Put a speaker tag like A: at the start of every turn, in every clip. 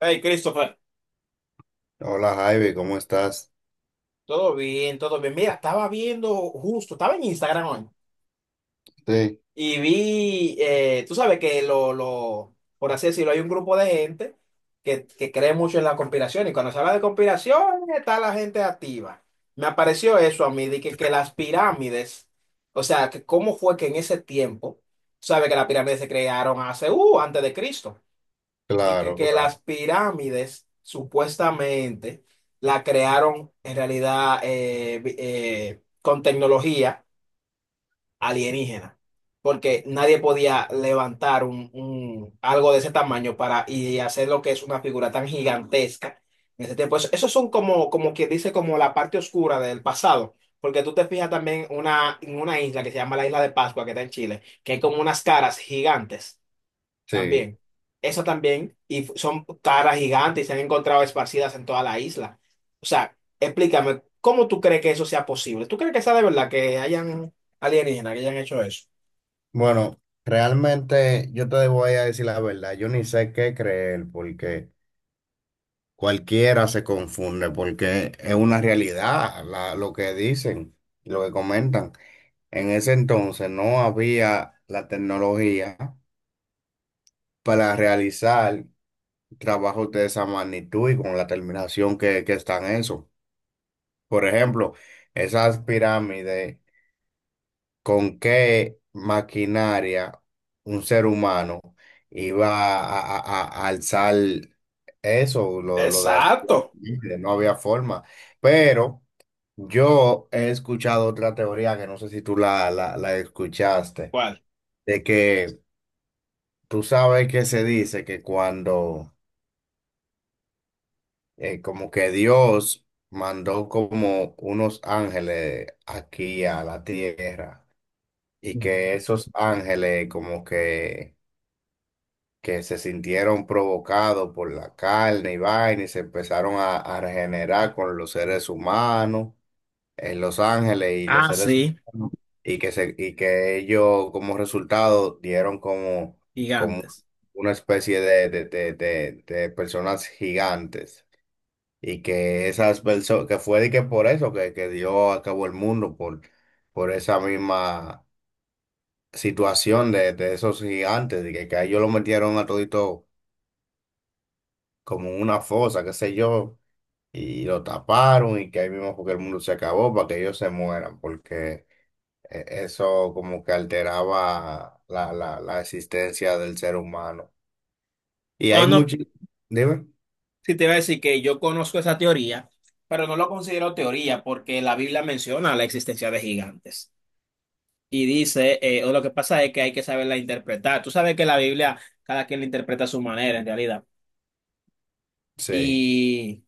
A: Hey, Christopher,
B: Hola Javi, ¿cómo estás?
A: todo bien, todo bien. Mira, estaba viendo justo, estaba en Instagram hoy
B: Sí.
A: y vi, tú sabes que por así decirlo, hay un grupo de gente que cree mucho en la conspiración y cuando se habla de conspiración está la gente activa. Me apareció eso a mí, de que las pirámides, o sea, que cómo fue que en ese tiempo, tú sabes que las pirámides se crearon hace, antes de Cristo. De que,
B: Claro,
A: que
B: claro.
A: las pirámides supuestamente la crearon en realidad con tecnología alienígena, porque nadie podía levantar algo de ese tamaño para y hacer lo que es una figura tan gigantesca en ese tiempo. Eso, esos son como, como que dice como la parte oscura del pasado. Porque tú te fijas también en una isla que se llama la Isla de Pascua, que está en Chile, que hay como unas caras gigantes.
B: Sí.
A: También. Eso también. Y son caras gigantes y se han encontrado esparcidas en toda la isla. O sea, explícame, ¿cómo tú crees que eso sea posible? ¿Tú crees que sea de verdad que hayan alienígenas que hayan hecho eso?
B: Bueno, realmente yo te voy a decir la verdad, yo ni sé qué creer porque cualquiera se confunde porque es una realidad lo que dicen, lo que comentan. En ese entonces no había la tecnología para realizar trabajos de esa magnitud y con la terminación que están eso. Por ejemplo, esas pirámides. Con qué maquinaria un ser humano iba a alzar eso, lo de hacer la
A: Exacto.
B: pirámide, no había forma. Pero yo he escuchado otra teoría que no sé si tú la escuchaste,
A: ¿Cuál?
B: de que tú sabes que se dice que cuando como que Dios mandó como unos ángeles aquí a la tierra y que
A: Ujú.
B: esos ángeles como que se sintieron provocados por la carne y vaina y se empezaron a regenerar con los seres humanos en Los Ángeles y los
A: Ah,
B: seres
A: sí,
B: humanos y que ellos como resultado dieron como, como
A: gigantes.
B: una especie de personas gigantes y que esas personas, que fue de que por eso que dio a cabo el mundo, por esa misma situación de esos gigantes, de que a ellos lo metieron a todito como en una fosa, qué sé yo, y lo taparon y que ahí mismo fue que el mundo se acabó para que ellos se mueran, porque eso como que alteraba la existencia del ser humano. Y
A: O
B: hay
A: no,
B: muchos, dime,
A: si te iba a decir que yo conozco esa teoría, pero no lo considero teoría porque la Biblia menciona la existencia de gigantes. Y dice, o lo que pasa es que hay que saberla interpretar. Tú sabes que la Biblia, cada quien la interpreta a su manera en realidad.
B: sí,
A: Y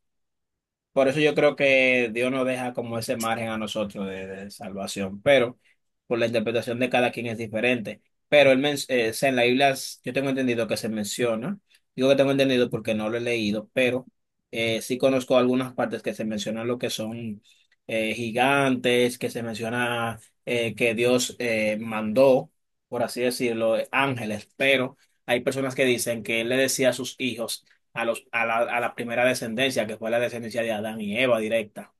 A: por eso yo creo que Dios nos deja como ese margen a nosotros de salvación, pero por la interpretación de cada quien es diferente. Pero o sea, en yo tengo entendido que se menciona, digo que tengo entendido porque no lo he leído, pero sí conozco algunas partes que se mencionan lo que son gigantes, que se menciona que Dios mandó, por así decirlo, ángeles, pero hay personas que dicen que él le decía a sus hijos, a la primera descendencia, que fue la descendencia de Adán y Eva directa.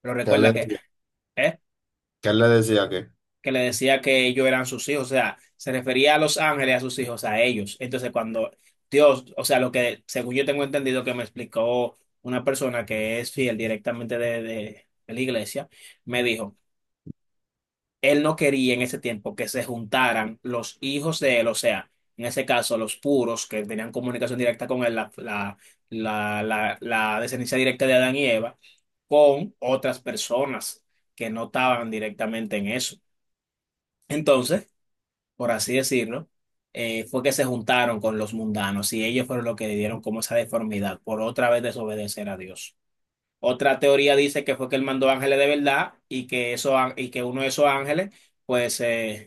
A: Pero
B: ¿qué le,
A: recuerda que,
B: decía-
A: ¿eh?
B: ¿qué le decía que?
A: Que le decía que ellos eran sus hijos, o sea, se refería a los ángeles, a sus hijos, a ellos. Entonces, cuando Dios, o sea, lo que, según yo tengo entendido que me explicó una persona que es fiel directamente de de la iglesia, me dijo, él no quería en ese tiempo que se juntaran los hijos de él, o sea, en ese caso, los puros que tenían comunicación directa con él, la descendencia directa de Adán y Eva, con otras personas que no estaban directamente en eso. Entonces, por así decirlo, fue que se juntaron con los mundanos y ellos fueron los que le dieron como esa deformidad por otra vez desobedecer a Dios. Otra teoría dice que fue que él mandó ángeles de verdad y que, eso, y que uno de esos ángeles pues eh,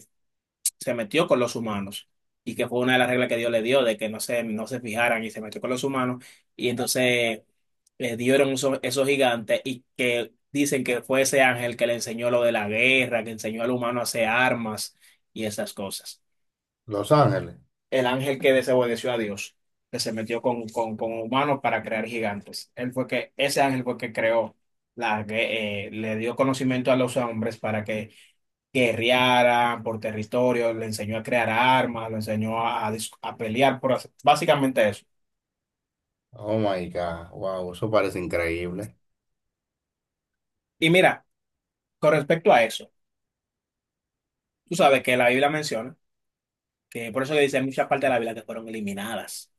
A: se metió con los humanos y que fue una de las reglas que Dios le dio de que no se fijaran y se metió con los humanos y entonces le dieron esos gigantes y que dicen que fue ese ángel que le enseñó lo de la guerra, que enseñó al humano a hacer armas y esas cosas.
B: Los Ángeles.
A: El ángel que desobedeció a Dios, que se metió con humanos para crear gigantes. Él fue que, ese ángel fue que creó la, gue- le dio conocimiento a los hombres para que guerrearan por territorio, le enseñó a crear armas, le enseñó a a pelear, por básicamente eso.
B: Oh my God, wow, eso parece increíble.
A: Y mira, con respecto a eso, tú sabes que la Biblia menciona, que por eso que dice hay muchas partes de la Biblia que fueron eliminadas,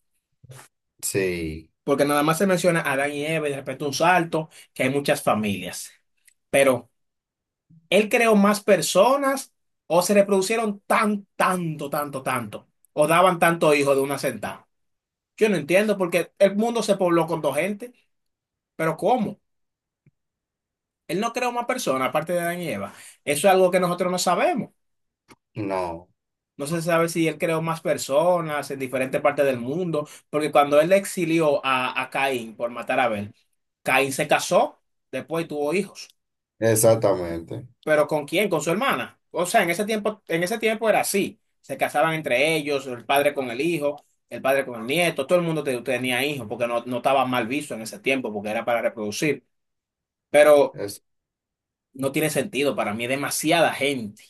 B: Sí,
A: porque nada más se menciona a Adán y Eva y de repente un salto, que hay muchas familias, pero él creó más personas o se reproducieron tan, tanto, tanto, tanto, o daban tanto hijo de una sentada. Yo no entiendo porque el mundo se pobló con dos gente, pero ¿cómo? Él no creó más personas, aparte de Adán y Eva. Eso es algo que nosotros no sabemos.
B: no,
A: No se sabe si él creó más personas en diferentes partes del mundo, porque cuando él exilió a Caín por matar a Abel, Caín se casó, después y tuvo hijos.
B: exactamente.
A: ¿Pero con quién? Con su hermana. O sea, en ese tiempo era así. Se casaban entre ellos, el padre con el hijo, el padre con el nieto, todo el mundo tenía hijos, porque no estaba mal visto en ese tiempo, porque era para reproducir. Pero
B: Es,
A: no tiene sentido, para mí, demasiada gente.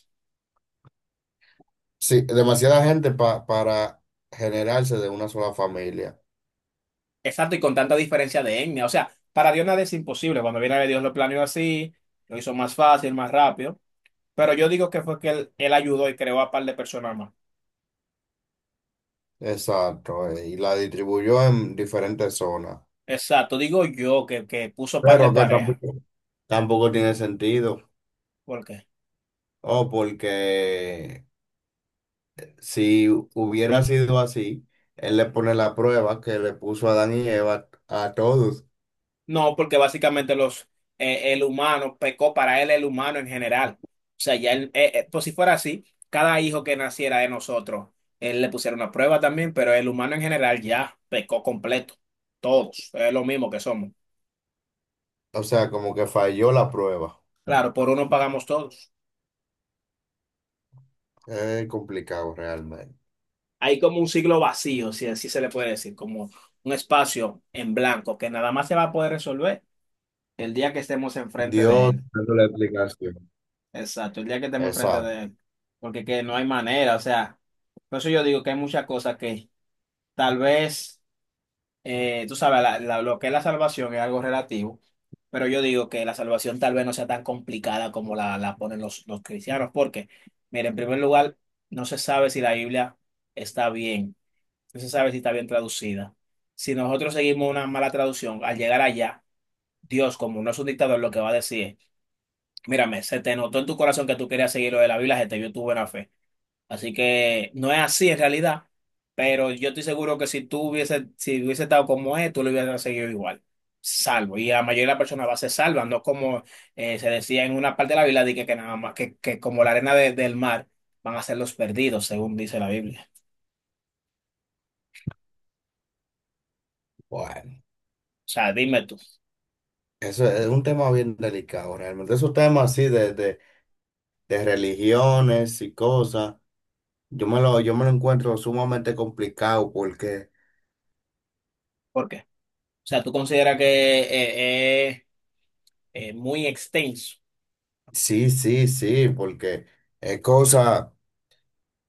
B: sí, demasiada gente para generarse de una sola familia.
A: Exacto, y con tanta diferencia de etnia. O sea, para Dios nada es imposible. Cuando viene a ver, Dios lo planeó así, lo hizo más fácil, más rápido. Pero yo digo que fue que él ayudó y creó a par de personas más.
B: Exacto, y la distribuyó en diferentes zonas,
A: Exacto, digo yo que puso par de
B: pero que
A: parejas.
B: tampoco, tampoco tiene sentido,
A: ¿Por qué?
B: o porque si hubiera sido así, él le pone la prueba que le puso a Adán y Eva a todos,
A: No, porque básicamente el humano pecó para él, el humano en general. O sea, ya él, pues si fuera así, cada hijo que naciera de nosotros, él le pusiera una prueba también, pero el humano en general ya pecó completo. Todos, es lo mismo que somos.
B: o sea, como que falló la prueba,
A: Claro, por uno pagamos todos.
B: es complicado realmente.
A: Hay como un siglo vacío, si así se le puede decir, como un espacio en blanco que nada más se va a poder resolver el día que estemos enfrente de
B: Dios,
A: él.
B: dando la explicación.
A: Exacto, el día que estemos enfrente
B: Exacto,
A: de él. Porque que no hay manera, o sea, por eso yo digo que hay muchas cosas que tal vez, tú sabes, lo que es la salvación es algo relativo, pero yo digo que la salvación tal vez no sea tan complicada como la ponen los cristianos, porque, mira, en primer lugar, no se sabe si la Biblia está bien. No se sabe si está bien traducida. Si nosotros seguimos una mala traducción, al llegar allá, Dios, como no es un dictador, lo que va a decir es, mírame, se te notó en tu corazón que tú querías seguir lo de la Biblia, se te vio tu buena fe. Así que no es así en realidad, pero yo estoy seguro que si si hubiese estado como es, tú lo hubieras seguido igual, salvo. Y la mayoría de las personas va a ser salva, no como se decía en una parte de la Biblia, de que nada más, que como la arena del mar van a ser los perdidos, según dice la Biblia.
B: bueno,
A: O sea, dime tú,
B: eso es un tema bien delicado realmente, esos temas así de religiones y cosas. Yo me lo encuentro sumamente complicado porque,
A: ¿por qué? O sea, tú consideras que eh, es muy extenso.
B: sí, sí, sí, porque es cosa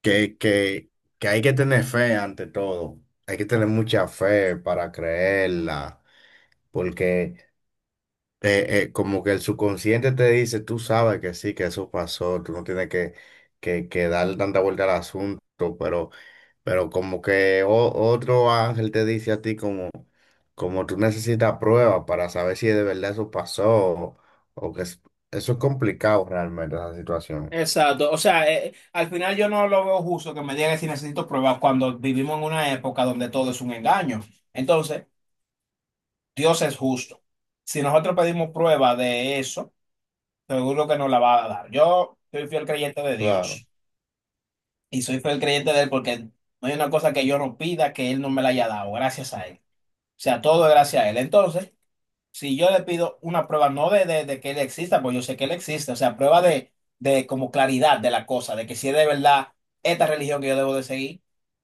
B: que, que, que hay que tener fe ante todo. Hay que tener mucha fe para creerla, porque como que el subconsciente te dice, tú sabes que sí, que eso pasó, tú no tienes que darle tanta vuelta al asunto, pero, pero como que otro ángel te dice a ti como, como tú necesitas pruebas para saber si de verdad eso pasó o eso es complicado realmente, esa situación.
A: Exacto. O sea, al final yo no lo veo justo que me digan si necesito pruebas cuando vivimos en una época donde todo es un engaño. Entonces, Dios es justo. Si nosotros pedimos prueba de eso, seguro que nos la va a dar. Yo soy fiel creyente de
B: Claro,
A: Dios y soy fiel creyente de Él porque no hay una cosa que yo no pida que Él no me la haya dado, gracias a Él. O sea, todo es gracias a Él. Entonces, si yo le pido una prueba, no de que él exista, pues yo sé que él existe, o sea, prueba de como claridad de la cosa, de que si es de verdad esta religión que yo debo de seguir,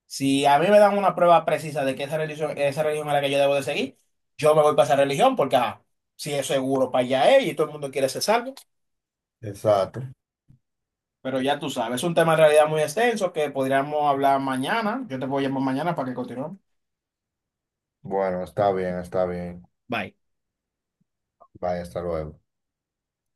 A: si a mí me dan una prueba precisa de que esa religión es la que yo debo de seguir, yo me voy para esa religión porque, ajá, si es seguro para allá es y todo el mundo quiere ser salvo,
B: exacto.
A: pero ya tú sabes, es un tema en realidad muy extenso que podríamos hablar mañana, yo te voy a llamar mañana para que continuemos.
B: Bueno, está bien, está bien.
A: Bye.
B: Vaya, hasta luego.